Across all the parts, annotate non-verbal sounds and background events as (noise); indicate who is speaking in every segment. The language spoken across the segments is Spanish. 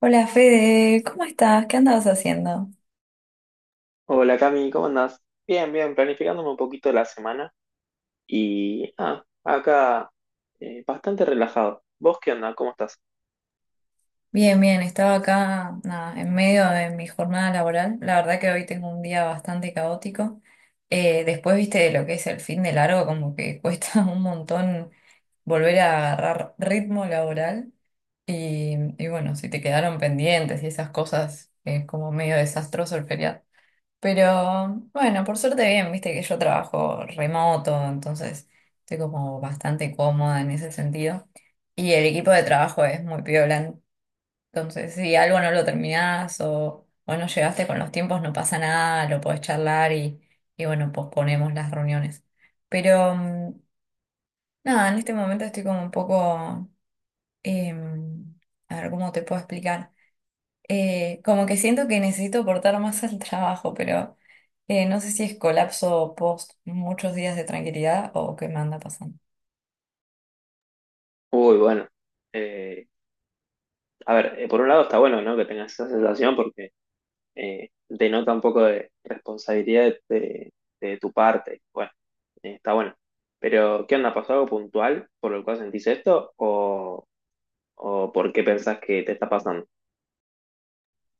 Speaker 1: Hola Fede, ¿cómo estás? ¿Qué andabas haciendo?
Speaker 2: Hola Cami, ¿cómo andás? Bien, bien, planificándome un poquito la semana y acá bastante relajado. ¿Vos qué onda? ¿Cómo estás?
Speaker 1: Bien, bien, estaba acá, nada, en medio de mi jornada laboral. La verdad que hoy tengo un día bastante caótico. Después, viste, de lo que es el fin de largo, como que cuesta (laughs) un montón volver a agarrar ritmo laboral. Y, y bueno, si te quedaron pendientes y esas cosas, es como medio desastroso el feriado. Pero bueno, por suerte bien, viste que yo trabajo remoto, entonces estoy como bastante cómoda en ese sentido. Y el equipo de trabajo es muy piola, entonces si algo no lo terminás o no llegaste con los tiempos, no pasa nada, lo podés charlar y bueno, posponemos las reuniones. Pero nada, en este momento estoy como un poco. em, a ver cómo te puedo explicar. Como que siento que necesito aportar más al trabajo, pero no sé si es colapso post muchos días de tranquilidad o qué me anda pasando.
Speaker 2: Uy, bueno. eh, a ver, por un lado está bueno, ¿no? Que tengas esa sensación porque denota un poco de responsabilidad de tu parte. Bueno, está bueno. Pero, ¿qué onda? ¿Pasó algo puntual por lo cual sentís esto? ¿O por qué pensás que te está pasando?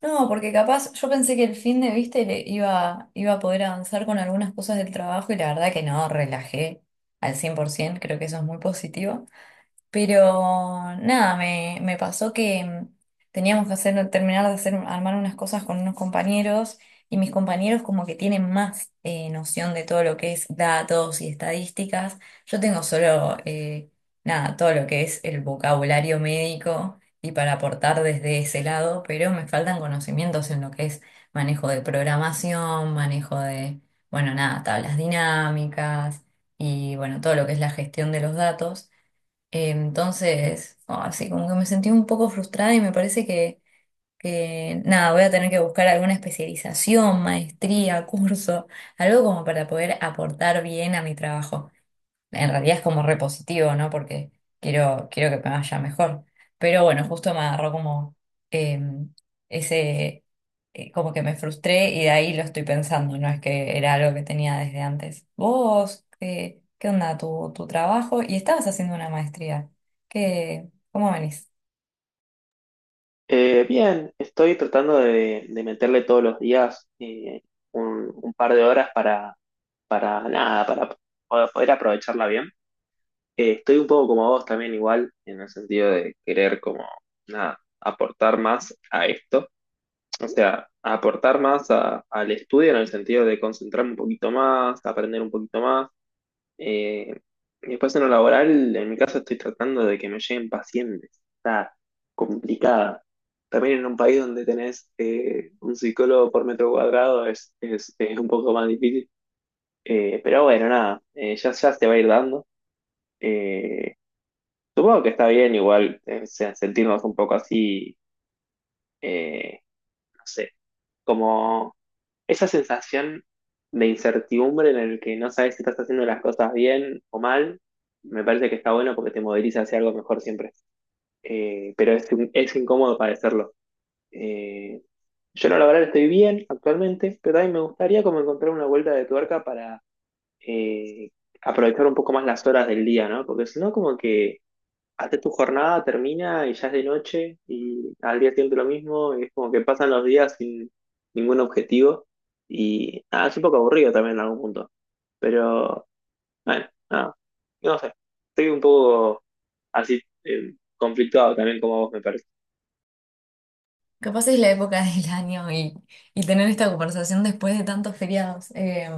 Speaker 1: No, porque capaz yo pensé que el fin de viste le iba a poder avanzar con algunas cosas del trabajo y la verdad que no, relajé al 100%, creo que eso es muy positivo. Pero nada, me pasó que teníamos que hacer, terminar de hacer, armar unas cosas con unos compañeros y mis compañeros como que tienen más noción de todo lo que es datos y estadísticas. Yo tengo solo, nada, todo lo que es el vocabulario médico y para aportar desde ese lado, pero me faltan conocimientos en lo que es manejo de programación, manejo de, bueno, nada, tablas dinámicas y bueno, todo lo que es la gestión de los datos. Entonces, no, así como que me sentí un poco frustrada y me parece que, nada, voy a tener que buscar alguna especialización, maestría, (laughs) curso, algo como para poder aportar bien a mi trabajo en realidad es como repositivo, ¿no? Porque quiero que me vaya mejor. Pero bueno, justo me agarró como eh, ese, como que me frustré y de ahí lo estoy pensando, no es que era algo que tenía desde antes. Vos, ¿qué onda tu trabajo? Y estabas haciendo una maestría. ¿Qué, cómo venís?
Speaker 2: Bien, estoy tratando de meterle todos los días un par de horas para nada, para poder aprovecharla bien. Estoy un poco como vos también igual, en el sentido de querer como, nada, aportar más a esto. O sea, aportar más al estudio en el sentido de concentrarme un poquito más, aprender un poquito más. Eh, y después en lo laboral, en mi caso estoy tratando de que me lleguen pacientes. Está complicada. También en un país donde tenés un psicólogo por metro cuadrado es un poco más difícil. Pero bueno, nada, ya se va a ir dando. Eh, supongo que está bien igual eh, sentirnos un poco así, eh, no sé, como esa sensación de incertidumbre en el que no sabes si estás haciendo las cosas bien o mal, me parece que está bueno porque te moviliza hacia algo mejor siempre. Pero es incómodo padecerlo. Eh, yo no, la verdad estoy bien actualmente, pero también me gustaría como encontrar una vuelta de tuerca para eh, aprovechar un poco más las horas del día, ¿no? Porque si no, como que haces tu jornada, termina y ya es de noche y al día siguiente lo mismo, y es como que pasan los días sin ningún objetivo y nada, es un poco aburrido también en algún punto, pero bueno, nada, no sé, estoy un poco así conflictuado también como vos me parece.
Speaker 1: Capaz es la época (laughs) del año y tener esta conversación después de tantos feriados.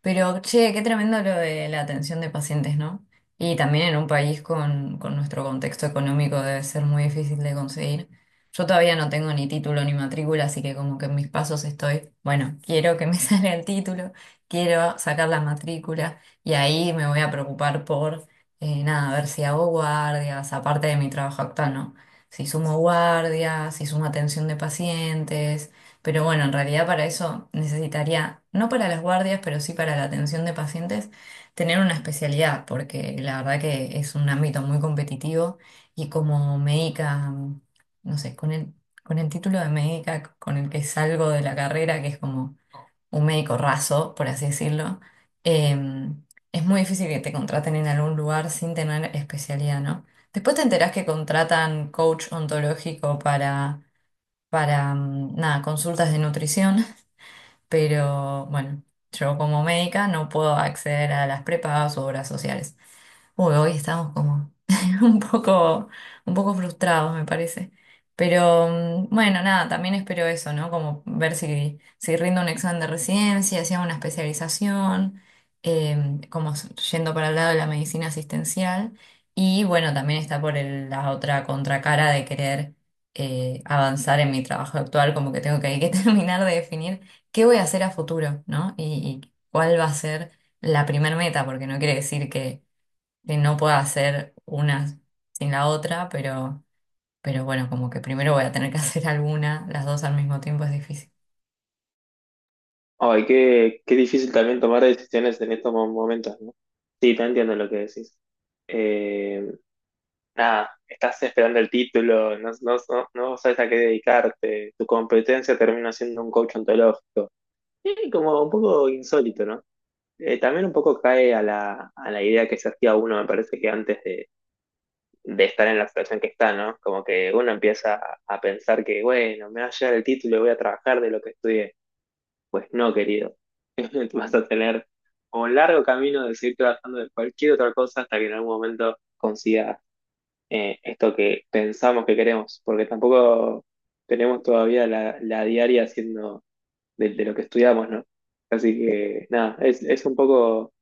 Speaker 1: Pero, che, qué tremendo lo de la atención de pacientes, ¿no? Y también en un país con nuestro contexto económico debe ser muy difícil de conseguir. Yo todavía no tengo ni título ni matrícula, así que como que en mis pasos estoy, bueno, quiero que me (laughs) salga el título, quiero sacar la matrícula y ahí me voy a preocupar por, nada, ver si hago guardias, aparte de mi trabajo actual, ¿no? Se sumó guardia, se sumó atención de pacientes, pero bueno, en realidad para eso necesitaría, no para las guardias, pero sí para la atención de pacientes, tener una especialidad, porque la verdad que es un ámbito muy competitivo y como médica, no sé, con el título de médica con el que salgo de la carrera, que es como un médico raso, por así decirlo, eh, es muy difícil que te contraten en algún lugar sin tener especialidad, ¿no? Después te enterás que contratan coach ontológico para nada, consultas de nutrición, pero bueno, yo como médica no puedo acceder a las prepagas u obras sociales. Uy, hoy estamos como (laughs) un un poco frustrados, me parece. Pero bueno, nada, también espero eso, ¿no? Como ver si rindo un examen de residencia, si hago una especialización, como s- yendo para el lado de la medicina asistencial. Y bueno, también está por el- la otra contracara de querer avanzar en mi trabajo actual, como que tengo que, hay que (laughs) terminar de definir qué voy a hacer a futuro, ¿no? Y cuál va a ser la primer meta, porque no quiere decir que no pueda hacer una sin la otra, pero bueno, como que primero voy a tener que (laughs) hacer alguna, las dos al mismo tiempo es difícil.
Speaker 2: Ay, qué difícil también tomar decisiones en estos momentos, ¿no? Sí, te entiendo lo que decís. Nada, estás esperando el título, no, sabes a qué dedicarte, tu competencia termina siendo un coach ontológico. Y como un poco insólito, ¿no? También un poco cae a a la idea que se hacía uno, me parece que antes de estar en la situación que está, ¿no? Como que uno empieza a pensar que, bueno, me va a llegar el título y voy a trabajar de lo que estudié. Pues no, querido. (laughs) Vas a tener un largo camino de seguir trabajando de cualquier otra cosa hasta que en algún momento consigas esto que pensamos que queremos, porque tampoco tenemos todavía la diaria haciendo de lo que estudiamos, ¿no? Así que nada, es un poco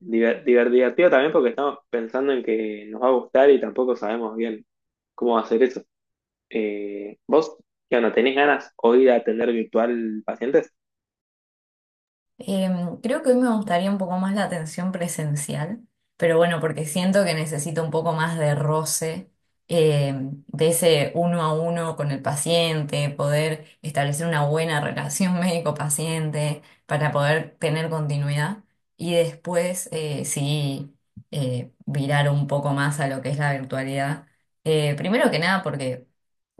Speaker 2: divertido también porque estamos pensando en que nos va a gustar y tampoco sabemos bien cómo hacer eso. ¿Vos, qué onda, tenés ganas hoy de atender virtual pacientes?
Speaker 1: Creo que hoy me gustaría un poco más la atención presencial, pero bueno, porque siento que necesito un poco más de roce, de ese uno a uno con el paciente, poder establecer una buena relación (laughs) médico-paciente para poder tener continuidad y después sí virar un poco más a lo que es la virtualidad. Primero que nada, porque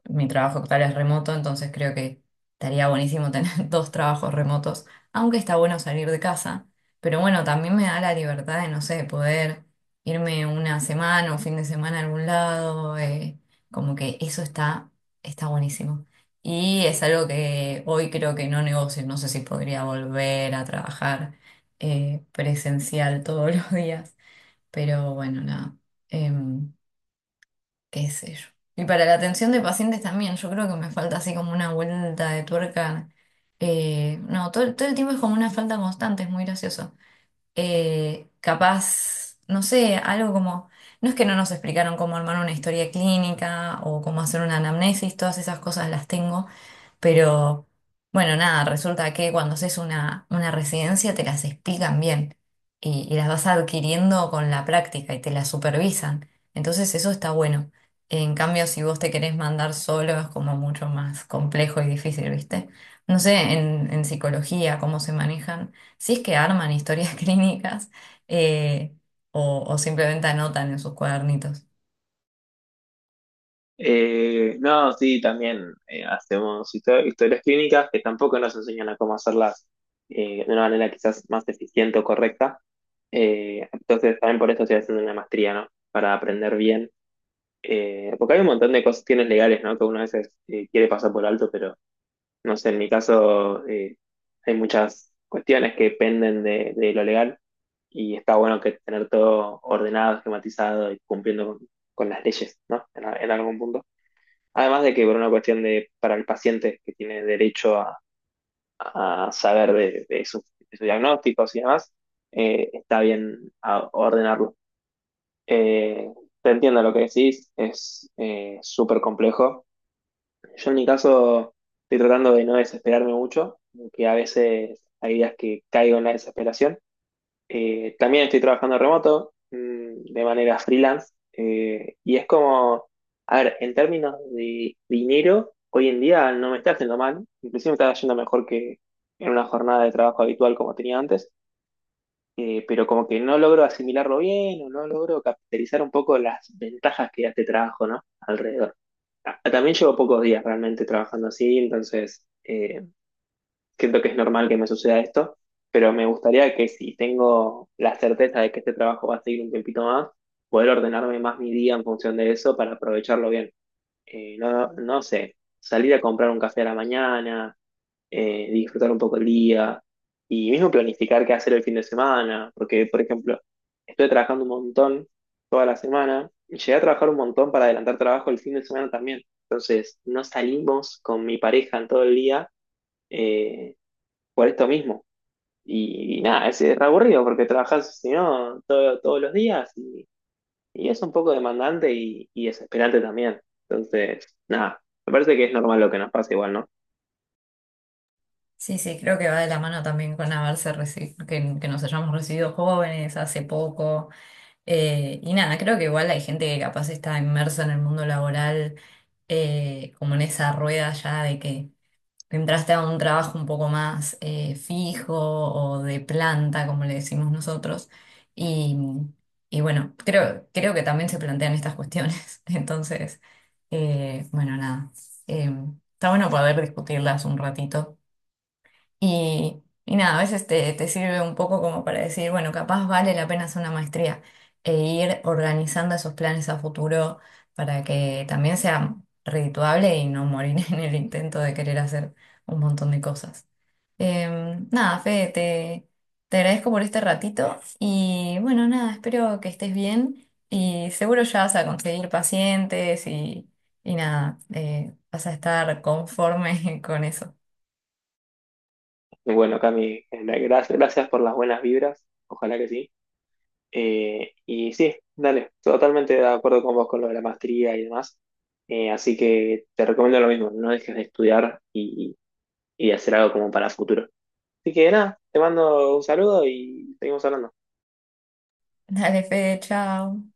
Speaker 1: mi trabajo actual es remoto, entonces creo que estaría buenísimo tener (laughs) dos trabajos remotos, aunque está bueno salir de casa. Pero bueno, también me da la libertad de, no sé, poder irme una semana o fin de semana a algún lado. Como que eso está buenísimo. Y es algo que hoy creo que no negocio. No sé si podría volver a trabajar presencial todos (laughs) los días. Pero bueno, nada. em, Qué sé yo. Y para la atención de pacientes también, yo creo que me falta así como una vuelta de tuerca. No, todo el tiempo es como una falta constante, es muy gracioso capaz, no sé, algo como, no es que no nos explicaron cómo armar una historia clínica o cómo hacer una anamnesis, todas esas cosas las tengo, pero bueno, nada, resulta que cuando haces una residencia te las explican bien y las vas adquiriendo con la práctica y te las supervisan, entonces eso está bueno. En cambio, si vos te querés mandar solo, es como mucho más complejo y difícil, ¿viste? No sé, en psicología, cómo se manejan. Si es que arman historias (laughs) clínicas eh, o simplemente anotan en sus cuadernitos.
Speaker 2: No, sí, también hacemos historias clínicas que tampoco nos enseñan a cómo hacerlas de una manera quizás más eficiente o correcta. Entonces, también por eso estoy haciendo una maestría, ¿no? Para aprender bien. Porque hay un montón de cuestiones legales, ¿no? Que uno a veces quiere pasar por alto, pero no sé, en mi caso hay muchas cuestiones que dependen de lo legal y está bueno que tener todo ordenado, esquematizado y cumpliendo con las leyes, ¿no? En algún punto. Además de que por una cuestión de, para el paciente que tiene derecho a saber de de sus diagnósticos y demás, está bien ordenarlo. Eh, te entiendo lo que decís, es súper complejo. Yo en mi caso estoy tratando de no desesperarme mucho, que a veces hay días que caigo en la desesperación, también estoy trabajando remoto, mm, de manera freelance, y es como, a ver, en términos de dinero, hoy en día no me está haciendo mal, inclusive me está yendo mejor que en una jornada de trabajo habitual como tenía antes, pero como que no logro asimilarlo bien o no logro capitalizar un poco las ventajas que da este trabajo, ¿no? Alrededor. Ah, también llevo pocos días realmente trabajando así, entonces... siento que es normal que me suceda esto, pero me gustaría que si tengo la certeza de que este trabajo va a seguir un tiempito más, poder ordenarme más mi día en función de eso para aprovecharlo bien. No, no sé, salir a comprar un café a la mañana, disfrutar un poco el día y mismo planificar qué hacer el fin de semana, porque, por ejemplo, estoy trabajando un montón toda la semana y llegué a trabajar un montón para adelantar trabajo el fin de semana también. Entonces, no salimos con mi pareja en todo el día. Eh, por esto mismo. Y nada, es re aburrido porque trabajas, si no, todos los días y es un poco demandante y desesperante también. Entonces, nada, me parece que es normal lo que nos pasa igual, ¿no?
Speaker 1: Sí, sí, creo que va de la mano también con haberse reci- que nos hayamos recibido jóvenes hace poco. Y nada, creo que igual hay gente que capaz está inmersa en el mundo laboral, como en esa rueda ya de que entraste a un trabajo un poco más fijo o de planta, como le decimos nosotros. Y, y bueno, creo que también se plantean estas cuestiones. (laughs) Entonces, bueno, nada. Eh, Está bueno poder discutirlas un ratito. Y nada, a veces te sirve un poco como para decir, bueno, capaz vale la pena hacer una maestría e ir organizando esos planes a futuro para que también sea redituable y no morir (laughs) en el intento de querer hacer un montón de cosas. Nada, Fede, te agradezco por este ratito y bueno, nada, espero que estés bien y seguro ya vas a conseguir pacientes y nada, vas a estar conforme (laughs) con eso.
Speaker 2: Bueno, Cami, gracias por las buenas vibras, ojalá que sí. Y sí, dale, totalmente de acuerdo con vos con lo de la maestría y demás. Así que te recomiendo lo mismo, no dejes de estudiar y de hacer algo como para futuro. Así que nada, te mando un saludo y seguimos hablando.
Speaker 1: Dale, Fede, chao.